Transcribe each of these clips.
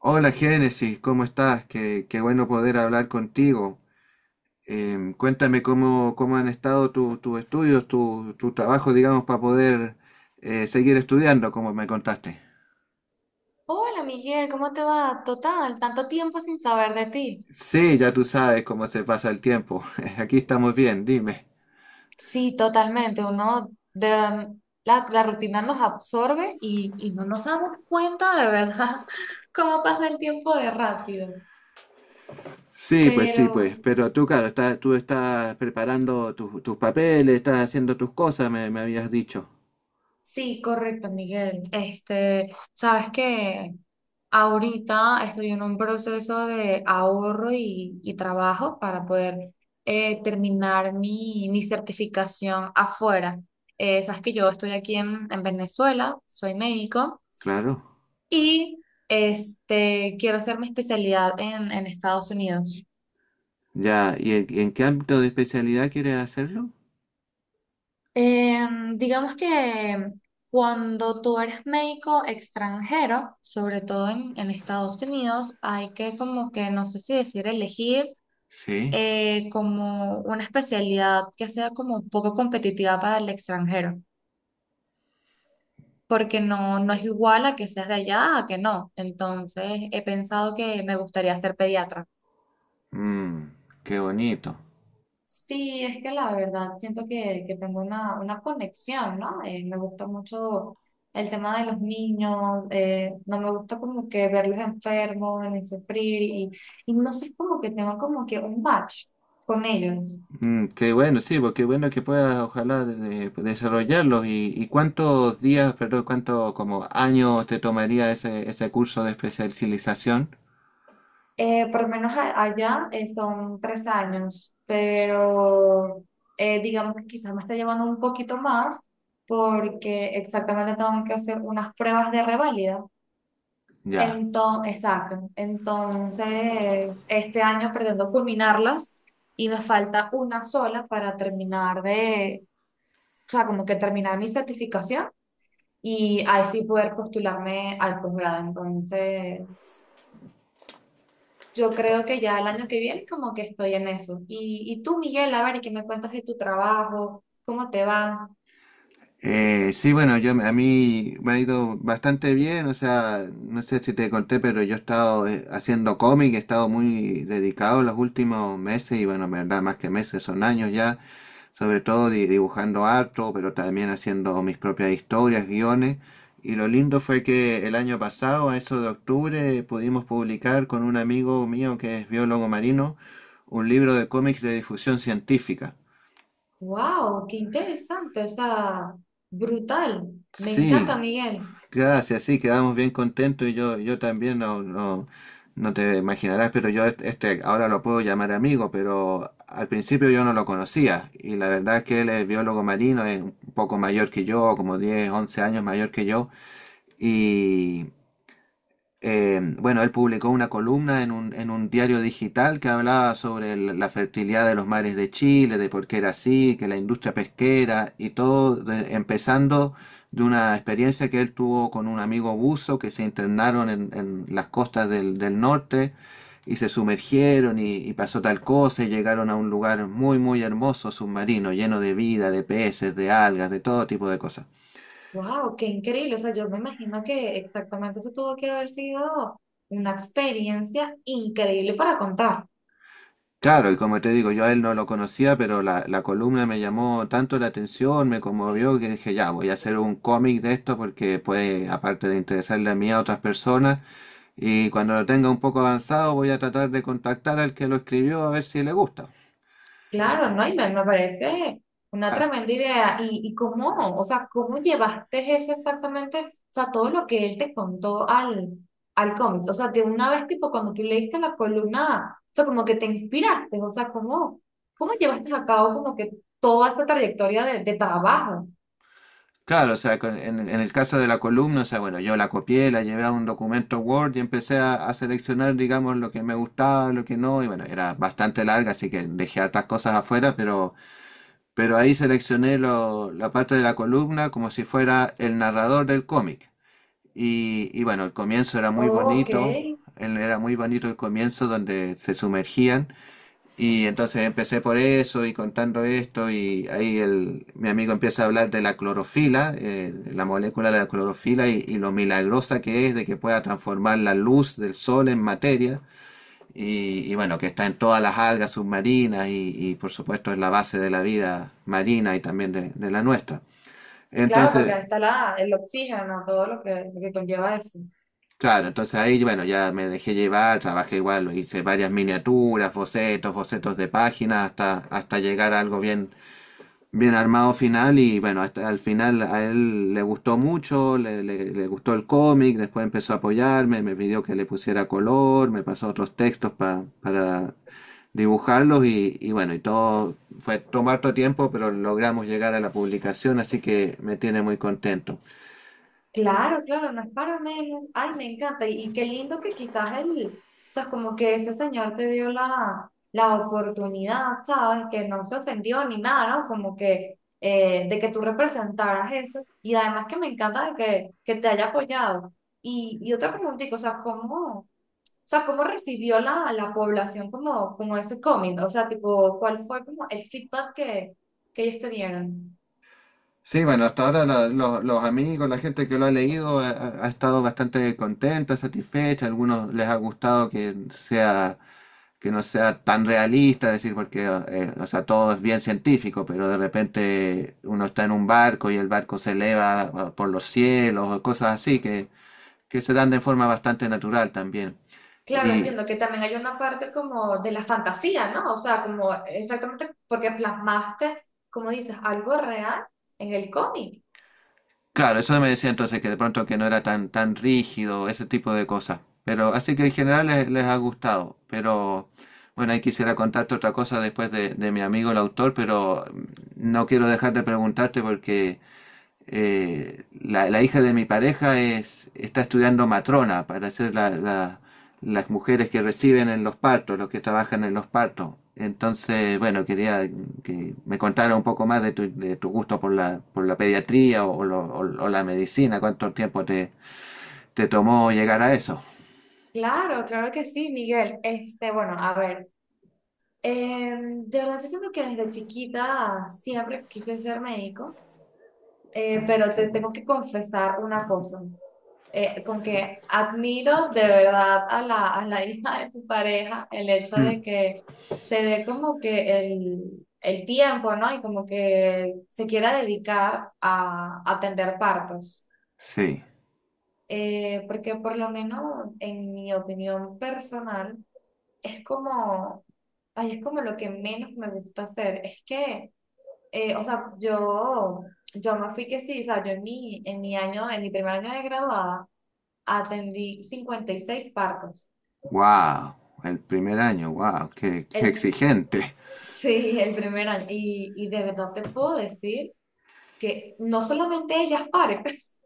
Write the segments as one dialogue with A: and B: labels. A: Hola Génesis, ¿cómo estás? Qué bueno poder hablar contigo. Cuéntame cómo han estado tus estudios, tu trabajo, digamos, para poder seguir estudiando, como me contaste.
B: Hola Miguel, ¿cómo te va? Total, tanto tiempo sin saber de ti.
A: Sí, ya tú sabes cómo se pasa el tiempo. Aquí estamos
B: S-
A: bien, dime.
B: Sí, totalmente. Uno de la rutina nos absorbe y no nos damos cuenta de verdad cómo pasa el tiempo de rápido.
A: Sí, pues
B: Pero
A: sí, pues. Pero tú, claro, estás, tú estás preparando tus papeles, estás haciendo tus cosas, me habías dicho.
B: Sí, correcto, Miguel. Este, sabes que ahorita estoy en un proceso de ahorro y trabajo para poder terminar mi certificación afuera. Sabes que yo estoy aquí en Venezuela, soy médico
A: Claro.
B: y este, quiero hacer mi especialidad en Estados Unidos.
A: Ya, ¿y en qué ámbito de especialidad quieres hacerlo?
B: Digamos que cuando tú eres médico extranjero, sobre todo en Estados Unidos, hay que como que, no sé si decir, elegir
A: Sí.
B: como una especialidad que sea como un poco competitiva para el extranjero, porque no, no es igual a que seas de allá a que no. Entonces, he pensado que me gustaría ser pediatra.
A: Mm, qué bonito.
B: Sí, es que la verdad siento que tengo una conexión, ¿no? Me gusta mucho el tema de los niños, no me gusta como que verlos enfermos, ni sufrir, y no sé, como que tengo como que un batch con ellos.
A: Mm, qué bueno, sí, porque bueno que puedas ojalá desarrollarlos. Y cuántos días, perdón, cuántos como años te tomaría ese curso de especialización?
B: Por lo menos allá son 3 años, pero digamos que quizás me está llevando un poquito más porque exactamente tengo que hacer unas pruebas de reválida.
A: Ya.
B: Entonces, exacto. Entonces, este año pretendo culminarlas y me falta una sola para terminar de, o sea, como que terminar mi certificación y ahí sí poder postularme al posgrado. Entonces, yo creo que ya el año que viene como que estoy en eso. Y tú, Miguel, a ver, y ¿qué me cuentas de tu trabajo? ¿Cómo te va?
A: Sí, bueno, yo a mí me ha ido bastante bien, o sea, no sé si te conté, pero yo he estado haciendo cómic, he estado muy dedicado los últimos meses y bueno, en verdad, más que meses, son años ya. Sobre todo dibujando harto, pero también haciendo mis propias historias, guiones. Y lo lindo fue que el año pasado, a eso de octubre, pudimos publicar con un amigo mío que es biólogo marino un libro de cómics de difusión científica.
B: ¡Wow! ¡Qué interesante! O sea, brutal. Me
A: Sí.
B: encanta, Miguel.
A: Gracias, sí, quedamos bien contentos y yo también no te imaginarás, pero yo este ahora lo puedo llamar amigo, pero al principio yo no lo conocía y la verdad es que él es biólogo marino, es un poco mayor que yo, como 10, 11 años mayor que yo y, bueno, él publicó una columna en un diario digital que hablaba sobre la fertilidad de los mares de Chile, de por qué era así, que la industria pesquera y todo, empezando de una experiencia que él tuvo con un amigo buzo que se internaron en las costas del norte y se sumergieron y pasó tal cosa y llegaron a un lugar muy, muy hermoso, submarino, lleno de vida, de peces, de algas, de todo tipo de cosas.
B: Wow, qué increíble. O sea, yo me imagino que exactamente eso tuvo que haber sido una experiencia increíble para contar.
A: Claro, y como te digo, yo a él no lo conocía, pero la columna me llamó tanto la atención, me conmovió, que dije, ya, voy a hacer un cómic de esto porque puede, aparte de interesarle a mí, a otras personas, y cuando lo tenga un poco avanzado voy a tratar de contactar al que lo escribió a ver si le gusta.
B: Claro, ¿no? Y me parece una
A: Ah,
B: tremenda idea. Y cómo? O sea, ¿cómo llevaste eso exactamente? O sea, todo lo que él te contó al cómics. O sea, de una vez, tipo, cuando tú leíste la columna, o sea, como que te inspiraste. O sea, ¿cómo, cómo llevaste a cabo como que toda esta trayectoria de trabajo?
A: claro, o sea, en el caso de la columna, o sea, bueno, yo la copié, la llevé a un documento Word y empecé a seleccionar, digamos, lo que me gustaba, lo que no, y bueno, era bastante larga, así que dejé otras cosas afuera, pero ahí seleccioné la parte de la columna como si fuera el narrador del cómic. Y bueno, el comienzo
B: Oh, ok.
A: era muy bonito el comienzo donde se sumergían. Y entonces empecé por eso y contando esto y ahí el, mi amigo empieza a hablar de la clorofila, la molécula de la clorofila y lo milagrosa que es de que pueda transformar la luz del sol en materia y bueno, que está en todas las algas submarinas y, por supuesto es la base de la vida marina y también de la nuestra.
B: Claro, porque
A: Entonces,
B: ahí está la, el oxígeno, todo lo que conlleva eso.
A: claro, entonces ahí, bueno, ya me dejé llevar, trabajé igual, hice varias miniaturas, bocetos, bocetos de páginas hasta, hasta llegar a algo bien, bien armado final y bueno, hasta al final a él le gustó mucho, le, le gustó el cómic, después empezó a apoyarme, me pidió que le pusiera color, me pasó otros textos para dibujarlos y bueno, y todo fue tomar todo tiempo, pero logramos llegar a la publicación, así que me tiene muy contento.
B: Claro, claro, no es para menos. Ay, me encanta. Y qué lindo que quizás él, o sea, como que ese señor te dio la oportunidad, ¿sabes? Que no se ofendió ni nada, ¿no? Como que de que tú representaras eso. Y además que me encanta de que te haya apoyado. Y otra preguntita, o sea, cómo recibió la población como, como ese cómic? O sea, tipo, ¿cuál fue como el feedback que ellos te dieron?
A: Sí, bueno, hasta ahora los amigos, la gente que lo ha leído ha, ha estado bastante contenta, satisfecha, a algunos les ha gustado que sea que no sea tan realista, es decir, porque o sea, todo es bien científico, pero de repente uno está en un barco y el barco se eleva ah, por los cielos o cosas así que se dan de forma bastante natural también.
B: Claro,
A: Y,
B: entiendo que también hay una parte como de la fantasía, ¿no? O sea, como exactamente porque plasmaste, como dices, algo real en el cómic.
A: claro, eso me decía entonces que de pronto que no era tan tan rígido, ese tipo de cosas. Pero así que en general les, les ha gustado. Pero bueno, ahí quisiera contarte otra cosa después de mi amigo el autor, pero no quiero dejar de preguntarte porque la, la hija de mi pareja es, está estudiando matrona para ser las mujeres que reciben en los partos, los que trabajan en los partos. Entonces, bueno, quería que me contara un poco más de tu gusto por la pediatría o, o la medicina, cuánto tiempo te, te tomó llegar a eso.
B: Claro, claro que sí, Miguel. Este, bueno, a ver, eh, de verdad yo siento que desde chiquita siempre quise ser médico,
A: Ah,
B: pero
A: qué
B: te
A: bueno.
B: tengo que confesar una cosa. Con que admiro de verdad a la hija de tu pareja el hecho
A: Mm,
B: de que se dé como que el tiempo, ¿no? Y como que se quiera dedicar a atender partos.
A: sí,
B: Porque por lo menos en mi opinión personal, es como, ay, es como lo que menos me gusta hacer. Es que, o sea, yo me fui que sí, o sea, yo en mi año, en mi primer año de graduada, atendí 56 partos.
A: wow, el primer año, wow, qué, qué
B: El,
A: exigente.
B: sí, el primer año. Y de verdad te puedo decir que no solamente ellas paren.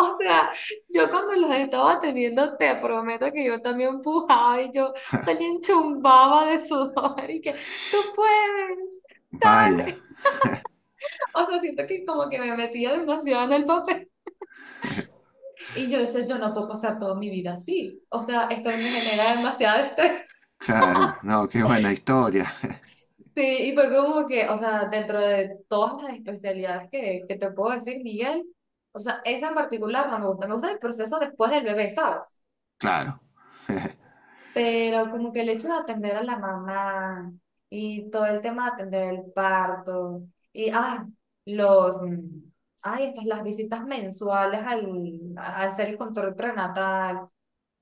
B: O sea, yo cuando los estaba atendiendo, te prometo que yo también empujaba y yo salía enchumbaba de sudor y que tú puedes.
A: Vaya,
B: O sea, siento que como que me metía demasiado en el papel. Y yo decía, yo no puedo pasar toda mi vida así. O sea, esto a mí me genera demasiado estrés.
A: claro, no, qué buena historia.
B: Sí, y fue como que, o sea, dentro de todas las especialidades que te puedo decir, Miguel, o sea, esa en particular no me gusta. Me gusta el proceso después del bebé, ¿sabes?
A: Claro.
B: Pero como que el hecho de atender a la mamá y todo el tema de atender el parto y, ah, los, ay, estas, las visitas mensuales al, al hacer el control prenatal.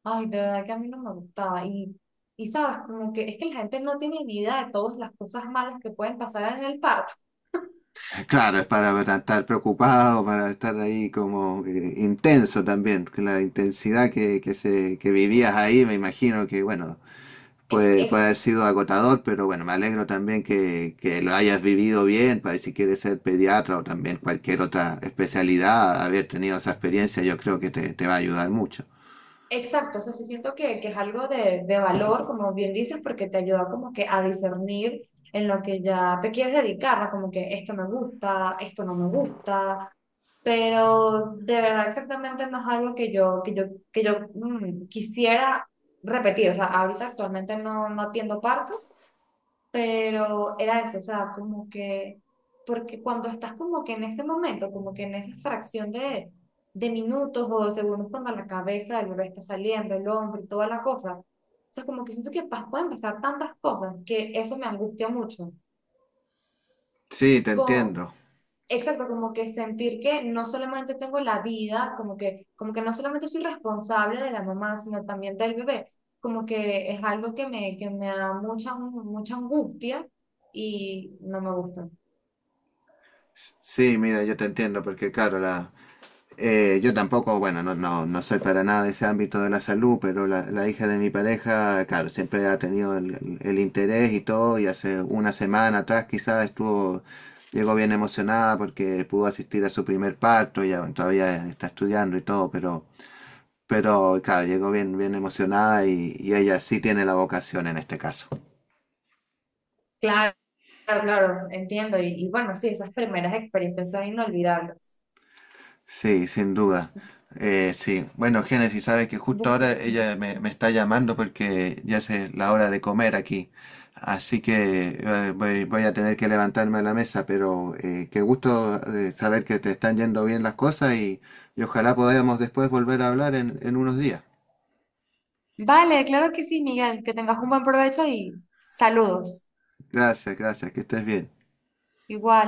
B: Ay, de verdad que a mí no me gustaba. Y sabes, como que es que la gente no tiene ni idea de todas las cosas malas que pueden pasar en el parto.
A: Claro, es para estar preocupado, para estar ahí como intenso también, que la intensidad que, se, que vivías ahí, me imagino que, bueno, puede, puede
B: Ex-
A: haber sido agotador, pero bueno, me alegro también que lo hayas vivido bien, para si quieres ser pediatra o también cualquier otra especialidad, haber tenido esa experiencia, yo creo que te va a ayudar mucho.
B: exacto, o sea, sí siento que es algo de valor, como bien dices, porque te ayuda como que a discernir en lo que ya te quieres dedicar, ¿no? Como que esto me gusta, esto no me gusta, pero de verdad exactamente no es algo que yo, que yo quisiera repetir, o sea, ahorita actualmente no, no atiendo partos, pero era eso, o sea, como que, porque cuando estás como que en ese momento, como que en esa fracción de minutos o de segundos cuando la cabeza del bebé está saliendo, el hombro y toda la cosa, o sea, como que siento que pueden pasar tantas cosas que eso me angustia mucho.
A: Sí, te
B: Co-
A: entiendo.
B: Exacto, como que sentir que no solamente tengo la vida, como que no solamente soy responsable de la mamá, sino también del bebé, como que es algo que me da mucha, mucha angustia y no me gusta.
A: Sí, mira, yo te entiendo, porque claro, la, yo tampoco, bueno, no, no, no soy para nada de ese ámbito de la salud, pero la hija de mi pareja, claro, siempre ha tenido el, el interés y todo, y hace una semana atrás quizás estuvo, llegó bien emocionada porque pudo asistir a su primer parto, ya bueno, todavía está estudiando y todo, pero claro, llegó bien, bien emocionada y ella sí tiene la vocación en este caso.
B: Claro, claro, claro, entiendo. Y bueno, sí, esas primeras experiencias son inolvidables.
A: Sí, sin duda. Sí, bueno, Génesis, sabes que justo
B: Bu-
A: ahora ella me está llamando porque ya es la hora de comer aquí. Así que voy, voy a tener que levantarme a la mesa, pero qué gusto saber que te están yendo bien las cosas y ojalá podamos después volver a hablar en unos días.
B: Vale, claro que sí, Miguel, que tengas un buen provecho y saludos.
A: Gracias, gracias, que estés bien.
B: Igual.